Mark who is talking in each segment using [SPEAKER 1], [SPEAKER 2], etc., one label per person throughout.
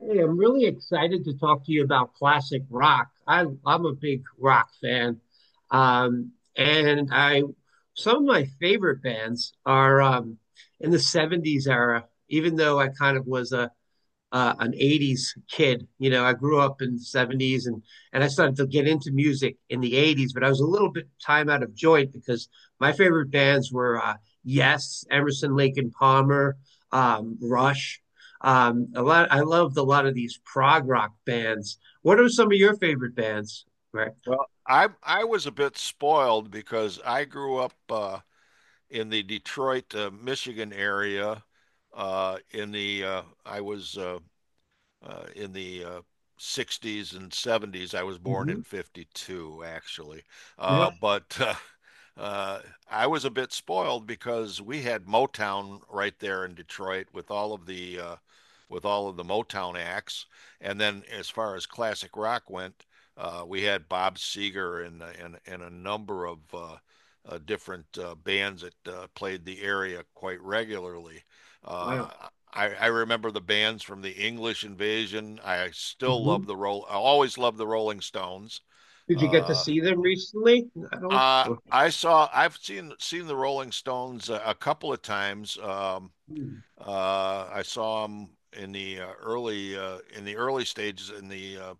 [SPEAKER 1] Hey, I'm really excited to talk to you about classic rock. I'm a big rock fan. Um, and I, some of my favorite bands are in the '70s era, even though I kind of was a an '80s kid. You know, I grew up in the '70s and I started to get into music in the '80s, but I was a little bit time out of joint because my favorite bands were Yes, Emerson, Lake and Palmer, Rush. A lot. I loved a lot of these prog rock bands. What are some of your favorite bands, Rick?
[SPEAKER 2] Well, I was a bit spoiled because I grew up in the Detroit, Michigan area. In the I was in the 60s and 70s. I was born
[SPEAKER 1] hmm
[SPEAKER 2] in 52, actually.
[SPEAKER 1] Yeah.
[SPEAKER 2] But uh, I was a bit spoiled because we had Motown right there in Detroit with all of the with all of the Motown acts. And then as far as classic rock went, we had Bob Seger and a number of different bands that played the area quite regularly. Uh,
[SPEAKER 1] Wow.
[SPEAKER 2] I, I remember the bands from the English Invasion. I still
[SPEAKER 1] hmm
[SPEAKER 2] love the roll. I always love the Rolling Stones.
[SPEAKER 1] Did you get to
[SPEAKER 2] Uh,
[SPEAKER 1] see them recently? I don't.
[SPEAKER 2] I saw. I've seen the Rolling Stones a couple of times.
[SPEAKER 1] Hmm.
[SPEAKER 2] I saw them in the early in the early stages in the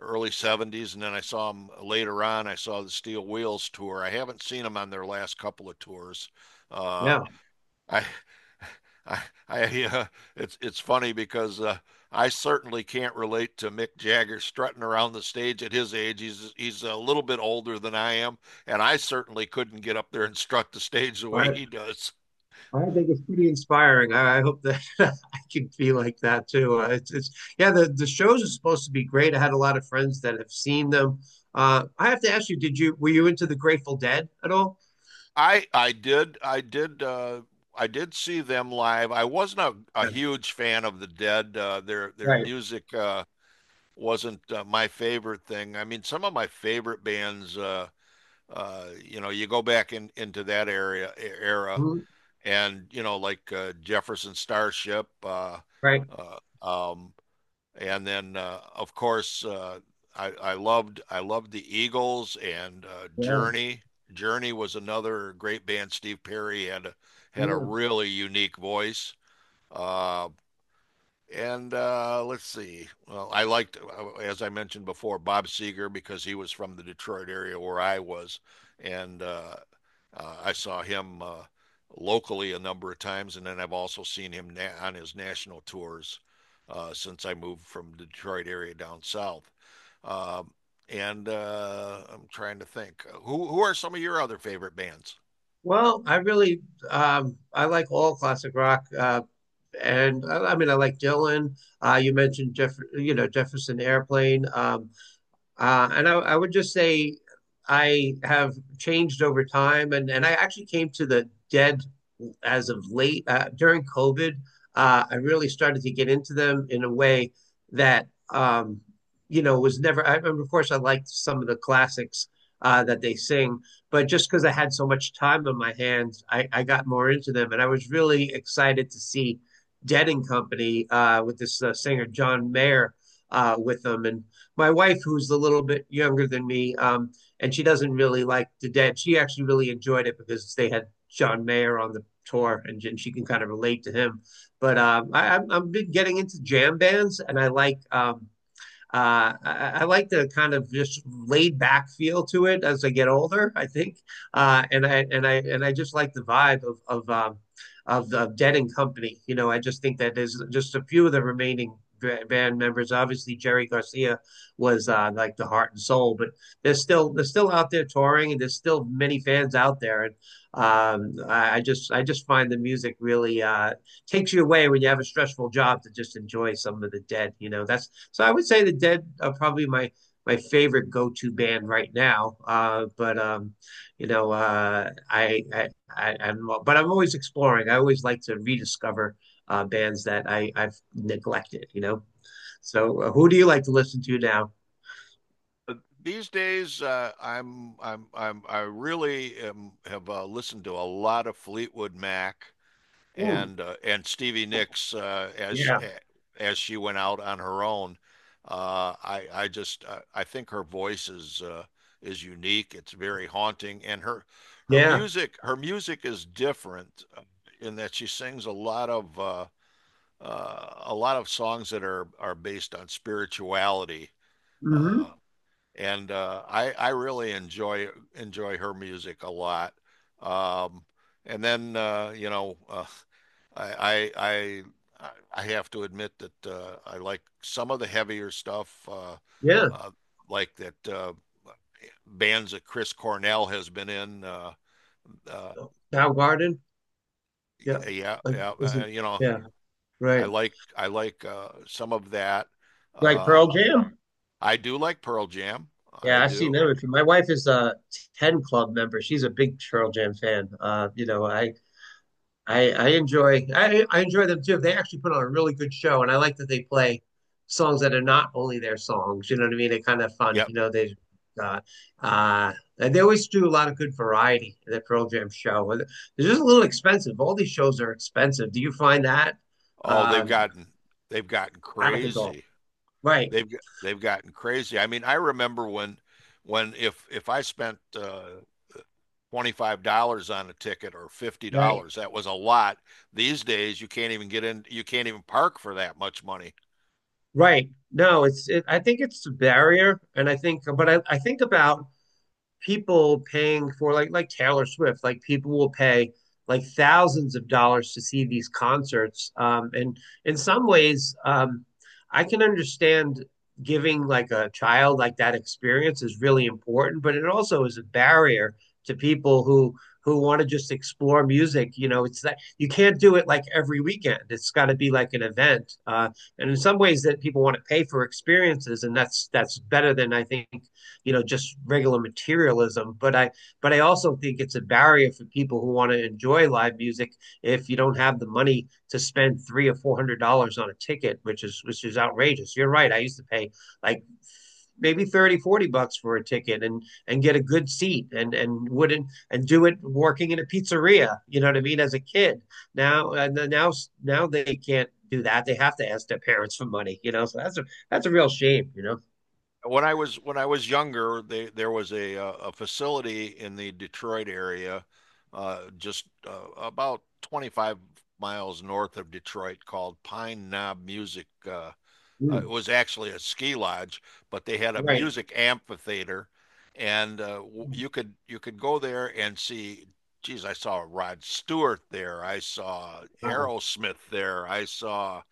[SPEAKER 2] early 70s, and then I saw them later on. I saw the Steel Wheels tour. I haven't seen them on their last couple of tours. Uh,
[SPEAKER 1] Yeah.
[SPEAKER 2] I, I, I, it's funny because I certainly can't relate to Mick Jagger strutting around the stage at his age. He's a little bit older than I am, and I certainly couldn't get up there and strut the stage the way
[SPEAKER 1] Right.
[SPEAKER 2] he does.
[SPEAKER 1] I think it's pretty inspiring. I hope that I can be like that too. It's yeah, the shows are supposed to be great. I had a lot of friends that have seen them. I have to ask you, did you were you into the Grateful Dead at all?
[SPEAKER 2] I I did I did uh, I did see them live. I wasn't a
[SPEAKER 1] Yeah,
[SPEAKER 2] huge fan of the Dead. Their
[SPEAKER 1] right.
[SPEAKER 2] music wasn't my favorite thing. I mean, some of my favorite bands. You go back in into that era,
[SPEAKER 1] Mhm.
[SPEAKER 2] and you know, like Jefferson Starship,
[SPEAKER 1] Right.
[SPEAKER 2] uh, um, and then of course I loved the Eagles and
[SPEAKER 1] Yeah,
[SPEAKER 2] Journey. Journey was another great band. Steve Perry had had a
[SPEAKER 1] yeah.
[SPEAKER 2] really unique voice. Uh, and let's see. Well, I liked, as I mentioned before, Bob Seger because he was from the Detroit area where I was, and I saw him locally a number of times, and then I've also seen him on his national tours since I moved from the Detroit area down south. Um, and I'm trying to think, who are some of your other favorite bands?
[SPEAKER 1] Well, I really I like all classic rock, and I mean I like Dylan. You mentioned Jefferson Airplane. And I would just say I have changed over time, and I actually came to the dead as of late during COVID. I really started to get into them in a way that was never. I remember, of course, I liked some of the classics that they sing, but just because I had so much time on my hands, I got more into them, and I was really excited to see Dead and Company with this singer John Mayer with them, and my wife, who's a little bit younger than me, and she doesn't really like the dead. She actually really enjoyed it because they had John Mayer on the tour, and she can kind of relate to him. But I've been getting into jam bands, and I like like the kind of just laid back feel to it as I get older. And I just like the vibe of of the Dead and Company. You know, I just think that there's just a few of the remaining band members. Obviously, Jerry Garcia was like the heart and soul, but they're still out there touring, and there's still many fans out there. And I just find the music really takes you away when you have a stressful job to just enjoy some of the Dead. You know, that's so I would say the Dead are probably my favorite go-to band right now. But you know, I I'm but I'm always exploring. I always like to rediscover bands that I've neglected. You know, so who do you like to listen to now?
[SPEAKER 2] Uh, These days, I really am, have listened to a lot of Fleetwood Mac
[SPEAKER 1] Hmm.
[SPEAKER 2] and Stevie Nicks
[SPEAKER 1] Yeah,
[SPEAKER 2] as she went out on her own. I think her voice is unique. It's very haunting, and her her
[SPEAKER 1] yeah,
[SPEAKER 2] music her music is different in that she sings a lot of songs that are based on spirituality.
[SPEAKER 1] mm-hmm,
[SPEAKER 2] Uh, and I really enjoy her music a lot. Um, and then you know I, I I have to admit that I like some of the heavier stuff,
[SPEAKER 1] yeah.
[SPEAKER 2] uh, like that bands that Chris Cornell has been in. Uh,
[SPEAKER 1] Soundgarden. Yeah,
[SPEAKER 2] yeah,
[SPEAKER 1] like
[SPEAKER 2] yeah,
[SPEAKER 1] is it?
[SPEAKER 2] you know
[SPEAKER 1] Yeah,
[SPEAKER 2] I
[SPEAKER 1] right.
[SPEAKER 2] like I like uh, some of that.
[SPEAKER 1] Like
[SPEAKER 2] Uh,
[SPEAKER 1] Pearl Jam.
[SPEAKER 2] I do like Pearl Jam. I
[SPEAKER 1] Yeah, I've seen
[SPEAKER 2] do.
[SPEAKER 1] them. My wife is a 10 Club member. She's a big Pearl Jam fan. I enjoy I enjoy them too. They actually put on a really good show, and I like that they play songs that are not only their songs. You know what I mean? They're kind of fun.
[SPEAKER 2] Yeah.
[SPEAKER 1] You know, uh uh they always do a lot of good variety in the Pearl Jam show. And they're just a little expensive. All these shows are expensive. Do you find that
[SPEAKER 2] Oh,
[SPEAKER 1] uh,
[SPEAKER 2] they've gotten they've gotten
[SPEAKER 1] out of control?
[SPEAKER 2] crazy.
[SPEAKER 1] Right,
[SPEAKER 2] They've gotten crazy. I mean, I remember when if I spent $25 on a ticket or
[SPEAKER 1] right.
[SPEAKER 2] $50, that was a lot. These days you can't even get in. You can't even park for that much money.
[SPEAKER 1] Right. No, I think it's a barrier, and I think, but I think about people paying for like Taylor Swift, like people will pay like thousands of dollars to see these concerts. And In some ways, I can understand giving like a child like that experience is really important, but it also is a barrier to people who want to just explore music. You know, it's that you can't do it like every weekend. It's got to be like an event. And in some ways, that people want to pay for experiences, and that's better than, I think, you know, just regular materialism, but I but I also think it's a barrier for people who want to enjoy live music if you don't have the money to spend three or four hundred dollars on a ticket, which is outrageous. You're right, I used to pay like maybe 30, 40 bucks for a ticket and get a good seat, and wouldn't and do it working in a pizzeria, you know what I mean, as a kid. Now and then now Now they can't do that, they have to ask their parents for money, you know, so that's a real shame, you know.
[SPEAKER 2] When I was younger, they, there was a facility in the Detroit area just about 25 miles north of Detroit called Pine Knob Music. Uh, it
[SPEAKER 1] Mm,
[SPEAKER 2] was actually a ski lodge, but they had a
[SPEAKER 1] right.
[SPEAKER 2] music amphitheater, and you could go there and see. Geez, I saw Rod Stewart there. I saw
[SPEAKER 1] Wow.
[SPEAKER 2] Aerosmith there. I saw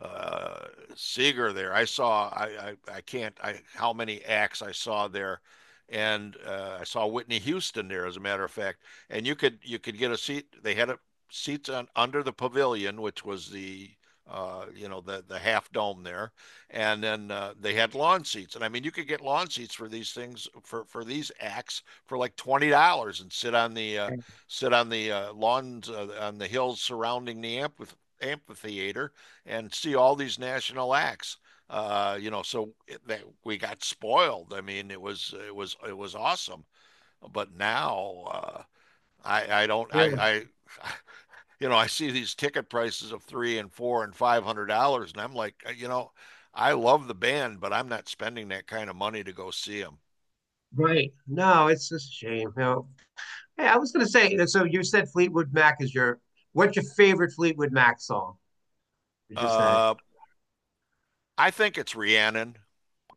[SPEAKER 2] uh, Seeger there. I saw I can't I how many acts I saw there, and I saw Whitney Houston there as a matter of fact. And you could get a seat. They had a, seats on under the pavilion, which was the you know the half dome there, and then they had lawn seats. And I mean, you could get lawn seats for these things for these acts for like $20 and sit on the lawns on the hills surrounding the amphitheater and see all these national acts. You know, so it, that we got spoiled. I mean, it was it was awesome. But now I don't
[SPEAKER 1] Yeah,
[SPEAKER 2] I you know I see these ticket prices of three and four and five hundred dollars, and I'm like, you know, I love the band, but I'm not spending that kind of money to go see them.
[SPEAKER 1] right. No, it's just a shame. You know, hey, I was gonna say, so you said Fleetwood Mac is your what's your favorite Fleetwood Mac song? Would you say?
[SPEAKER 2] Uh, I think it's Rhiannon.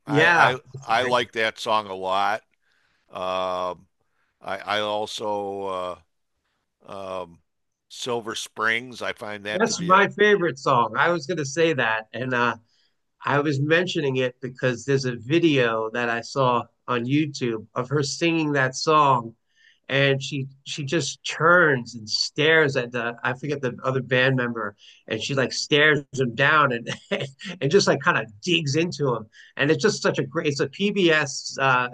[SPEAKER 2] I
[SPEAKER 1] Yeah,
[SPEAKER 2] I
[SPEAKER 1] that's a
[SPEAKER 2] I
[SPEAKER 1] great one.
[SPEAKER 2] like that song a lot. Um, I also um, Silver Springs. I find that to
[SPEAKER 1] That's
[SPEAKER 2] be a.
[SPEAKER 1] my favorite song. I was gonna say that, and I was mentioning it because there's a video that I saw on YouTube of her singing that song, and she just turns and stares at the, I forget the other band member, and she like stares him down and and just like kind of digs into him, and it's just such a great, it's a PBS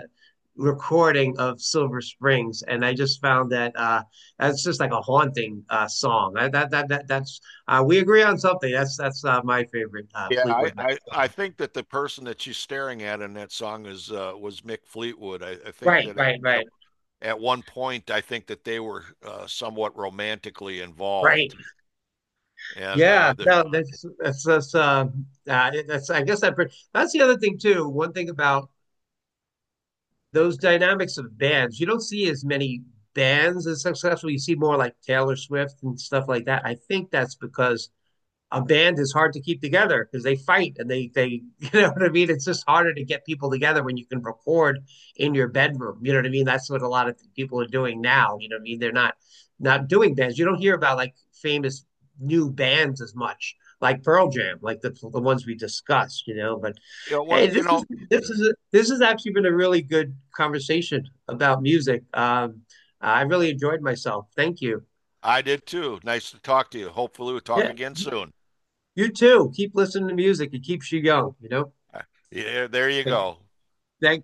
[SPEAKER 1] recording of Silver Springs, and I just found that that's just like a haunting song. That that that, that that's We agree on something. That's my favorite
[SPEAKER 2] Yeah,
[SPEAKER 1] Fleetwood Mac.
[SPEAKER 2] I think that the person that she's staring at in that song is was Mick Fleetwood. I think
[SPEAKER 1] Right,
[SPEAKER 2] that at,
[SPEAKER 1] right,
[SPEAKER 2] at
[SPEAKER 1] right,
[SPEAKER 2] at one point I think that they were somewhat romantically
[SPEAKER 1] right.
[SPEAKER 2] involved, and
[SPEAKER 1] Yeah,
[SPEAKER 2] the
[SPEAKER 1] no, that's that's, I guess that's the other thing too. One thing about those dynamics of bands, you don't see as many bands as successful. You see more like Taylor Swift and stuff like that. I think that's because a band is hard to keep together because they fight and they you know what I mean. It's just harder to get people together when you can record in your bedroom. You know what I mean. That's what a lot of people are doing now. You know what I mean. They're not not doing bands. You don't hear about like famous new bands as much like Pearl Jam, like the ones we discussed. You know, but
[SPEAKER 2] you know, well,
[SPEAKER 1] hey,
[SPEAKER 2] you know
[SPEAKER 1] this has actually been a really good conversation about music. I really enjoyed myself. Thank you.
[SPEAKER 2] I did too. Nice to talk to you. Hopefully we'll talk
[SPEAKER 1] Yeah.
[SPEAKER 2] again soon.
[SPEAKER 1] You too. Keep listening to music. It keeps you young, you know?
[SPEAKER 2] Uh, Yeah, there you go.
[SPEAKER 1] Thank